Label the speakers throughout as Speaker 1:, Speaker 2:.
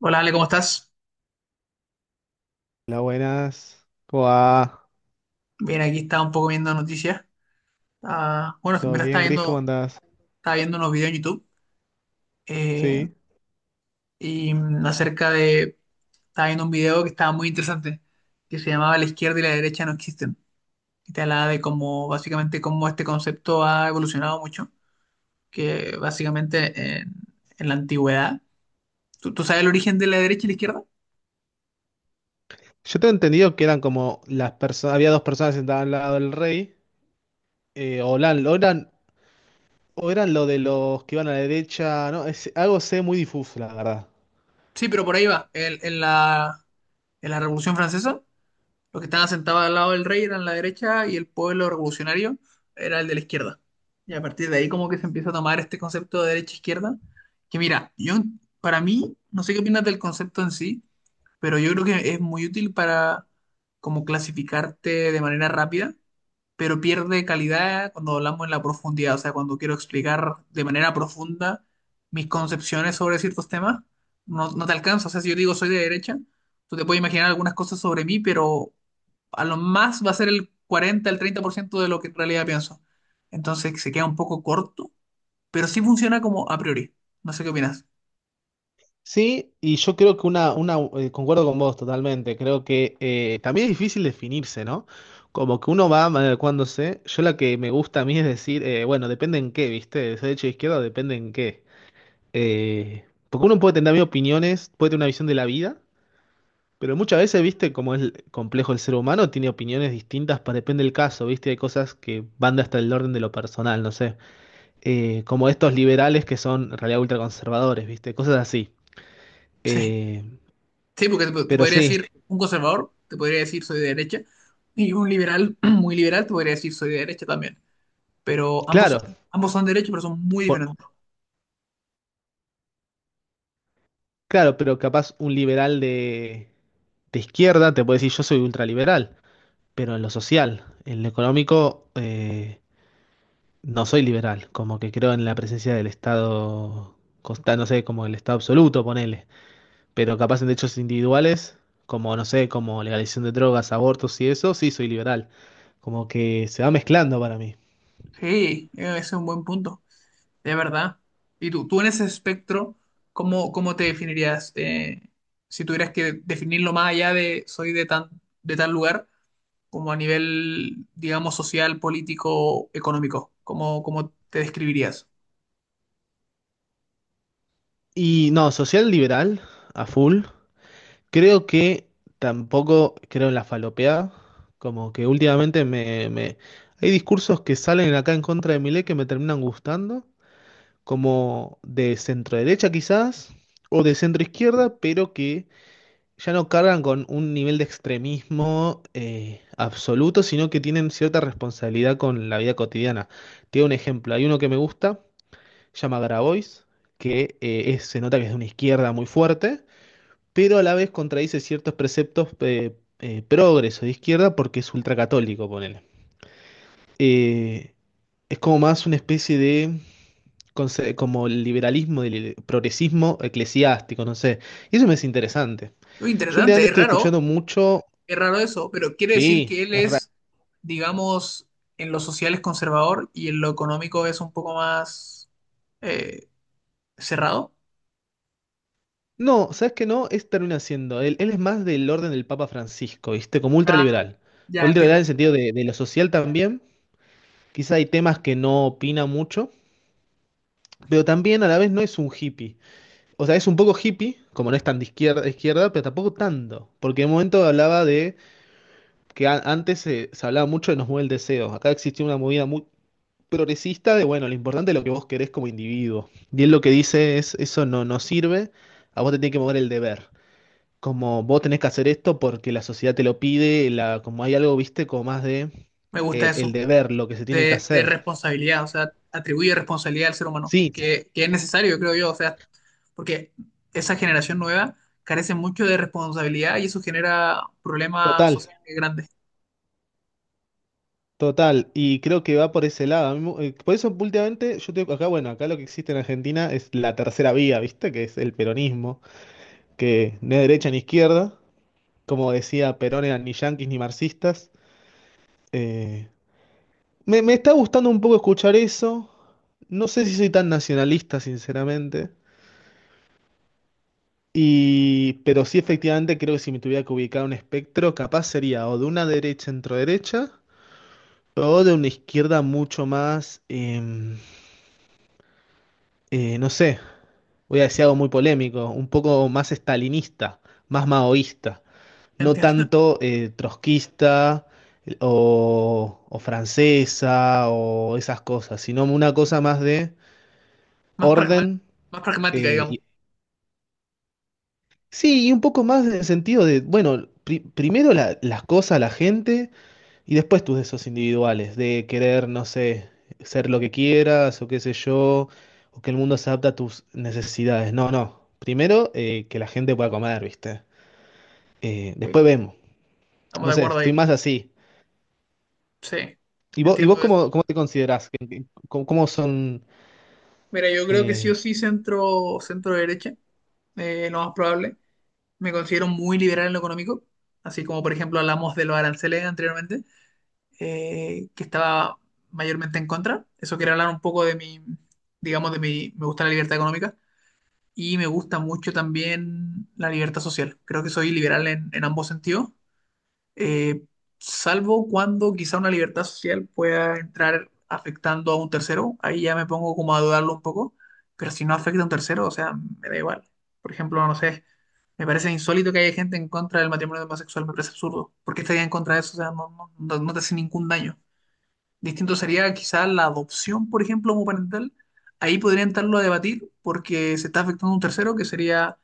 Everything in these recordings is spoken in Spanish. Speaker 1: Hola, Ale, ¿cómo estás?
Speaker 2: Hola, buenas. ¿Cómo va?
Speaker 1: Bien, aquí estaba un poco viendo noticias. Ah, bueno, en
Speaker 2: ¿Todo
Speaker 1: verdad
Speaker 2: bien, Gris? ¿Cómo andás?
Speaker 1: estaba viendo unos videos en YouTube eh,
Speaker 2: Sí.
Speaker 1: y acerca de... Estaba viendo un video que estaba muy interesante, que se llamaba La izquierda y la derecha no existen. Y te hablaba de cómo, básicamente, cómo este concepto ha evolucionado mucho, que básicamente en la antigüedad... ¿¿Tú sabes el origen de la derecha y la izquierda?
Speaker 2: Yo tengo entendido que eran como las personas, había dos personas sentadas al lado del rey, o eran, o eran, o eran lo de los que iban a la derecha, no, es, algo sé muy difuso, la verdad.
Speaker 1: Sí, pero por ahí va. En la Revolución Francesa, los que estaban sentados al lado del rey eran la derecha y el pueblo revolucionario era el de la izquierda. Y a partir de ahí como que se empieza a tomar este concepto de derecha-izquierda, que mira, yo, para mí, no sé qué opinas del concepto en sí, pero yo creo que es muy útil para como clasificarte de manera rápida, pero pierde calidad cuando hablamos en la profundidad. O sea, cuando quiero explicar de manera profunda mis concepciones sobre ciertos temas, no te alcanza. O sea, si yo digo soy de derecha, tú te puedes imaginar algunas cosas sobre mí, pero a lo más va a ser el 40% el 30% de lo que en realidad pienso. Entonces se queda un poco corto, pero sí funciona como a priori. No sé qué opinas.
Speaker 2: Sí, y yo creo que una concuerdo con vos totalmente, creo que también es difícil definirse, ¿no? Como que uno va adecuándose, yo la que me gusta a mí es decir, bueno, depende en qué, ¿viste? De derecha o izquierda, depende en qué. Porque uno puede tener opiniones, puede tener una visión de la vida, pero muchas veces, viste, como es complejo el ser humano, tiene opiniones distintas para depende del caso, viste, hay cosas que van hasta el orden de lo personal, no sé. Como estos liberales que son en realidad ultraconservadores, viste, cosas así.
Speaker 1: Sí.
Speaker 2: Eh,
Speaker 1: Sí, porque te
Speaker 2: pero
Speaker 1: podría
Speaker 2: sí,
Speaker 1: decir un conservador, te podría decir soy de derecha, y un liberal muy liberal te podría decir soy de derecha también. Pero ambos,
Speaker 2: claro,
Speaker 1: ambos son de derecha, pero son muy
Speaker 2: por-
Speaker 1: diferentes.
Speaker 2: claro, pero capaz un liberal de izquierda te puede decir yo soy ultraliberal, pero en lo social, en lo económico... No soy liberal, como que creo en la presencia del Estado, no sé, como el Estado absoluto, ponele, pero capaz en derechos individuales, como, no sé, como legalización de drogas, abortos y eso, sí soy liberal, como que se va mezclando para mí.
Speaker 1: Sí, ese es un buen punto, de verdad. Y tú en ese espectro, ¿cómo te definirías? Si tuvieras que definirlo más allá de de tal lugar, como a nivel, digamos, social, político, económico, ¿cómo te describirías?
Speaker 2: Y no, social liberal, a full, creo que tampoco creo en la falopeada, como que últimamente me... Hay discursos que salen acá en contra de Milei que me terminan gustando. Como de centro derecha quizás, o de centro izquierda, pero que ya no cargan con un nivel de extremismo absoluto, sino que tienen cierta responsabilidad con la vida cotidiana. Te doy un ejemplo, hay uno que me gusta, se llama Grabois, que se nota que es de una izquierda muy fuerte, pero a la vez contradice ciertos preceptos progres o de izquierda porque es ultracatólico, ponele. Eh, es como más una especie de como el liberalismo, el progresismo eclesiástico, no sé. Y eso me es interesante.
Speaker 1: Muy
Speaker 2: Yo
Speaker 1: interesante,
Speaker 2: últimamente
Speaker 1: es
Speaker 2: estoy
Speaker 1: raro.
Speaker 2: escuchando mucho.
Speaker 1: Qué raro eso, pero quiere decir
Speaker 2: Sí,
Speaker 1: que él
Speaker 2: es raro.
Speaker 1: es, digamos, en lo social es conservador y en lo económico es un poco más eh, cerrado.
Speaker 2: No, ¿sabes qué no? Es termina siendo. Él es más del orden del Papa Francisco, ¿viste? Como
Speaker 1: Ah,
Speaker 2: ultraliberal.
Speaker 1: ya
Speaker 2: Ultraliberal en
Speaker 1: entiendo.
Speaker 2: el sentido de lo social también. Quizá hay temas que no opina mucho, pero también a la vez no es un hippie. O sea, es un poco hippie, como no es tan de izquierda, pero tampoco tanto. Porque en un momento hablaba de que se hablaba mucho de nos mueve el deseo. Acá existía una movida muy progresista de, bueno, lo importante es lo que vos querés como individuo. Y él lo que dice es, eso no, no sirve, a vos te tiene que mover el deber. Como vos tenés que hacer esto porque la sociedad te lo pide, la, como hay algo, viste, como más de
Speaker 1: Me gusta
Speaker 2: el,
Speaker 1: eso
Speaker 2: el deber, lo que se tiene que
Speaker 1: de
Speaker 2: hacer.
Speaker 1: responsabilidad. O sea, atribuye responsabilidad al ser humano,
Speaker 2: Sí,
Speaker 1: que es necesario, creo yo. O sea, porque esa generación nueva carece mucho de responsabilidad y eso genera problemas
Speaker 2: total.
Speaker 1: sociales grandes.
Speaker 2: Total, y creo que va por ese lado. Por eso últimamente, yo tengo acá, bueno, acá lo que existe en Argentina es la tercera vía, ¿viste? Que es el peronismo, que no es derecha ni izquierda, como decía Perón, eran ni yanquis ni marxistas. Eh, me está gustando un poco escuchar eso. No sé si soy tan nacionalista, sinceramente. Y, pero sí, efectivamente, creo que si me tuviera que ubicar un espectro, capaz sería o de una derecha centro-derecha o de una izquierda mucho más, no sé, voy a decir algo muy polémico, un poco más estalinista, más maoísta. No
Speaker 1: Entiendo.
Speaker 2: tanto trotskista o francesa o esas cosas, sino una cosa más de
Speaker 1: Más pragmática,
Speaker 2: orden.
Speaker 1: más pragmática,
Speaker 2: eh,
Speaker 1: digamos.
Speaker 2: y, sí, y un poco más en el sentido de, bueno, primero las cosas, la gente, y después tus deseos individuales, de querer, no sé, ser lo que quieras o qué sé yo, o que el mundo se adapte a tus necesidades. No, no. Primero, que la gente pueda comer, ¿viste?
Speaker 1: Sí.
Speaker 2: Después vemos.
Speaker 1: Estamos
Speaker 2: No
Speaker 1: de
Speaker 2: sé,
Speaker 1: acuerdo ahí.
Speaker 2: estoy más así.
Speaker 1: Sí,
Speaker 2: ¿Y vos
Speaker 1: entiendo eso.
Speaker 2: cómo, cómo te considerás? ¿Cómo, cómo son?
Speaker 1: Mira, yo creo que sí o
Speaker 2: ¿Eh?
Speaker 1: sí centro, centro derecha, lo más probable. Me considero muy liberal en lo económico, así como por ejemplo hablamos de los aranceles anteriormente, que estaba mayormente en contra. Eso quiero hablar un poco de mi, digamos, de mi, me gusta la libertad económica y me gusta mucho también la libertad social. Creo que soy liberal en ambos sentidos, eh, salvo cuando quizá una libertad social pueda entrar afectando a un tercero, ahí ya me pongo como a dudarlo un poco, pero si no afecta a un tercero, o sea, me da igual. Por ejemplo, no sé, me parece insólito que haya gente en contra del matrimonio homosexual, me parece absurdo. ¿Por qué estaría en contra de eso? O sea, no te hace ningún daño. Distinto sería quizá la adopción, por ejemplo, homoparental. Ahí podría entrarlo a debatir porque se está afectando a un tercero que sería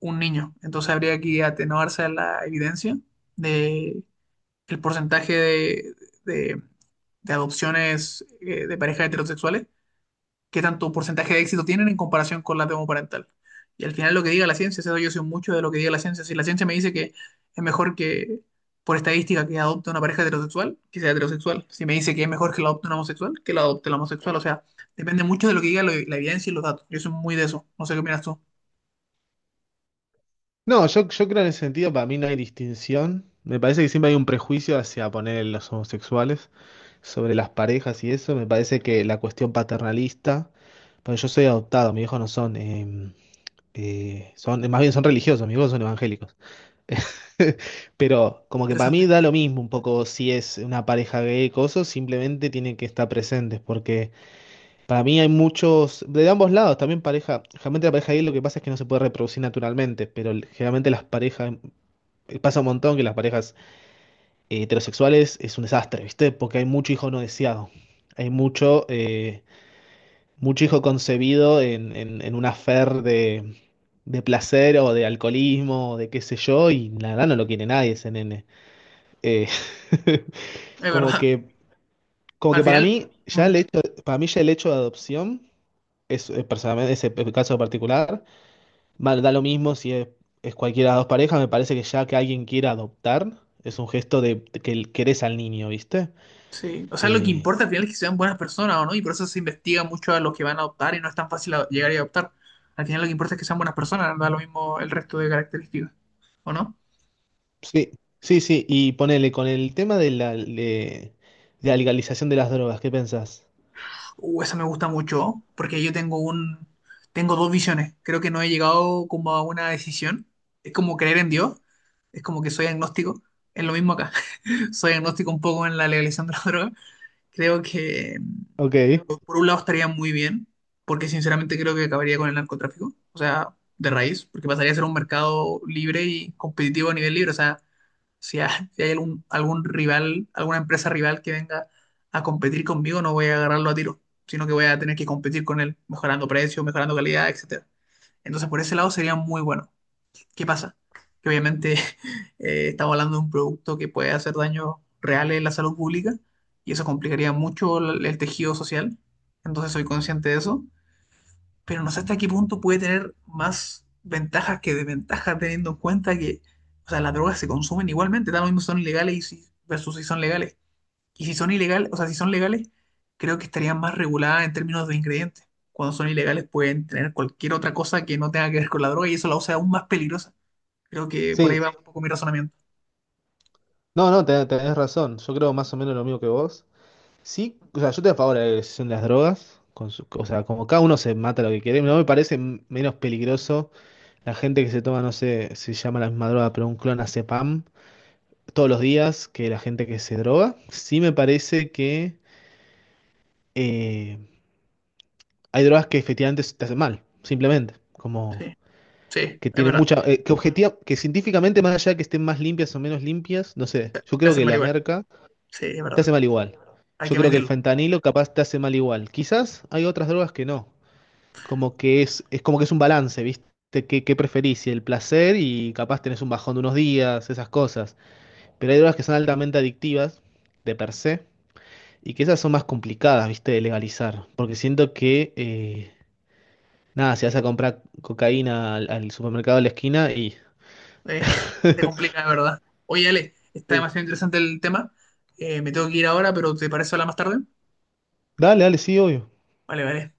Speaker 1: un niño. Entonces habría que atenuarse a la evidencia de el de- de adopciones de parejas heterosexuales, qué tanto porcentaje de éxito tienen en comparación con la de homoparental. Y al final lo que diga la ciencia, eso yo soy mucho de lo que diga la ciencia. Si la ciencia me dice que es mejor que, por estadística, que adopte una pareja heterosexual, que sea heterosexual. Si me dice que es mejor que la adopte un homosexual, que la adopte el homosexual. O sea, depende mucho de lo que diga la evidencia y los datos. Yo soy muy de eso. No sé qué opinas tú.
Speaker 2: No, yo creo en ese sentido, para mí no hay distinción. Me parece que siempre hay un prejuicio hacia poner los homosexuales sobre las parejas y eso. Me parece que la cuestión paternalista, pero yo soy adoptado, mis hijos no son, más bien son religiosos, mis hijos son evangélicos. Pero como que para mí
Speaker 1: Interesante.
Speaker 2: da lo mismo un poco si es una pareja gay o coso, simplemente tienen que estar presentes porque... Para mí hay muchos, de ambos lados, también pareja, generalmente la pareja gay lo que pasa es que no se puede reproducir naturalmente, pero generalmente las parejas, pasa un montón que las parejas heterosexuales es un desastre, ¿viste? Porque hay mucho hijo no deseado, hay mucho, mucho hijo concebido en un afer de placer o de alcoholismo o de qué sé yo, y la verdad no lo quiere nadie ese nene. Eh,
Speaker 1: Es
Speaker 2: Como
Speaker 1: verdad.
Speaker 2: que, como
Speaker 1: Al
Speaker 2: que para
Speaker 1: final...
Speaker 2: mí, para mí ya el hecho de adopción es, personalmente, ese caso particular, da lo mismo si es, es cualquiera de las dos parejas, me parece que ya que alguien quiera adoptar, es un gesto de, que querés al niño, ¿viste?
Speaker 1: Sí, o sea, lo que
Speaker 2: Eh,
Speaker 1: importa al final es que sean buenas personas o no, y por eso se investiga mucho a los que van a adoptar y no es tan fácil llegar y adoptar. Al final lo que importa es que sean buenas personas, da lo mismo el resto de características, ¿o no?
Speaker 2: sí, sí, sí, y ponele con el tema de la legalización de las drogas, ¿qué pensás?
Speaker 1: Esa me gusta mucho, porque tengo dos visiones. Creo que no he llegado como a una decisión. Es como creer en Dios, es como que soy agnóstico. Es lo mismo acá. Soy agnóstico un poco en la legalización de la droga. Creo que
Speaker 2: Ok,
Speaker 1: por un lado estaría muy bien, porque sinceramente creo que acabaría con el narcotráfico, o sea, de raíz, porque pasaría a ser un mercado libre y competitivo a nivel libre. O sea, si hay algún rival, alguna empresa rival que venga a competir conmigo, no voy a agarrarlo a tiro, sino que voy a tener que competir con él, mejorando precios, mejorando calidad, etcétera. Entonces, por ese lado sería muy bueno. ¿Qué pasa? Que obviamente estamos hablando de un producto que puede hacer daños reales en la salud pública y eso complicaría mucho el tejido social. Entonces soy consciente de eso, pero no sé hasta qué punto puede tener más ventajas que desventajas teniendo en cuenta que, o sea, las drogas se consumen igualmente, tal lo mismo si son ilegales versus si son legales. Y si son ilegales, o sea, si son legales, creo que estarían más reguladas en términos de ingredientes. Cuando son ilegales pueden tener cualquier otra cosa que no tenga que ver con la droga y eso la hace aún más peligrosa. Creo que por ahí
Speaker 2: sí,
Speaker 1: va un poco mi razonamiento.
Speaker 2: no, no, tenés razón, yo creo más o menos lo mismo que vos. Sí, o sea, yo estoy a favor de la legalización de las drogas, con o sea, como cada uno se mata lo que quiere, no me parece menos peligroso. La gente que se toma, no sé si se llama la misma droga, pero un clonazepam todos los días que la gente que se droga. Sí me parece que eh, hay drogas que efectivamente te hacen mal, simplemente.
Speaker 1: Sí,
Speaker 2: Como
Speaker 1: sí,
Speaker 2: que
Speaker 1: es
Speaker 2: tienen
Speaker 1: verdad.
Speaker 2: mucha. Que objetiva, que científicamente, más allá de que estén más limpias o menos limpias, no sé. Yo
Speaker 1: Te
Speaker 2: creo
Speaker 1: hacen
Speaker 2: que
Speaker 1: mal
Speaker 2: la
Speaker 1: igual.
Speaker 2: merca
Speaker 1: Sí, es
Speaker 2: te
Speaker 1: verdad.
Speaker 2: hace mal igual.
Speaker 1: Hay
Speaker 2: Yo
Speaker 1: que
Speaker 2: creo que el
Speaker 1: meterlo.
Speaker 2: fentanilo capaz te hace mal igual. Quizás hay otras drogas que no. Como que es como que es un balance, ¿viste? ¿Qué, qué preferís? Si el placer y capaz tenés un bajón de unos días, esas cosas. Pero hay drogas que son altamente adictivas, de per se, y que esas son más complicadas, viste, de legalizar. Porque siento que, nada, si vas a comprar cocaína al, al supermercado de la esquina y...
Speaker 1: Eh, se complica, es verdad. Oye, Ale, está
Speaker 2: Sí.
Speaker 1: demasiado interesante el tema. Me tengo que ir ahora, pero ¿te parece hablar más tarde?
Speaker 2: Dale, dale, sí, obvio.
Speaker 1: Vale, vale.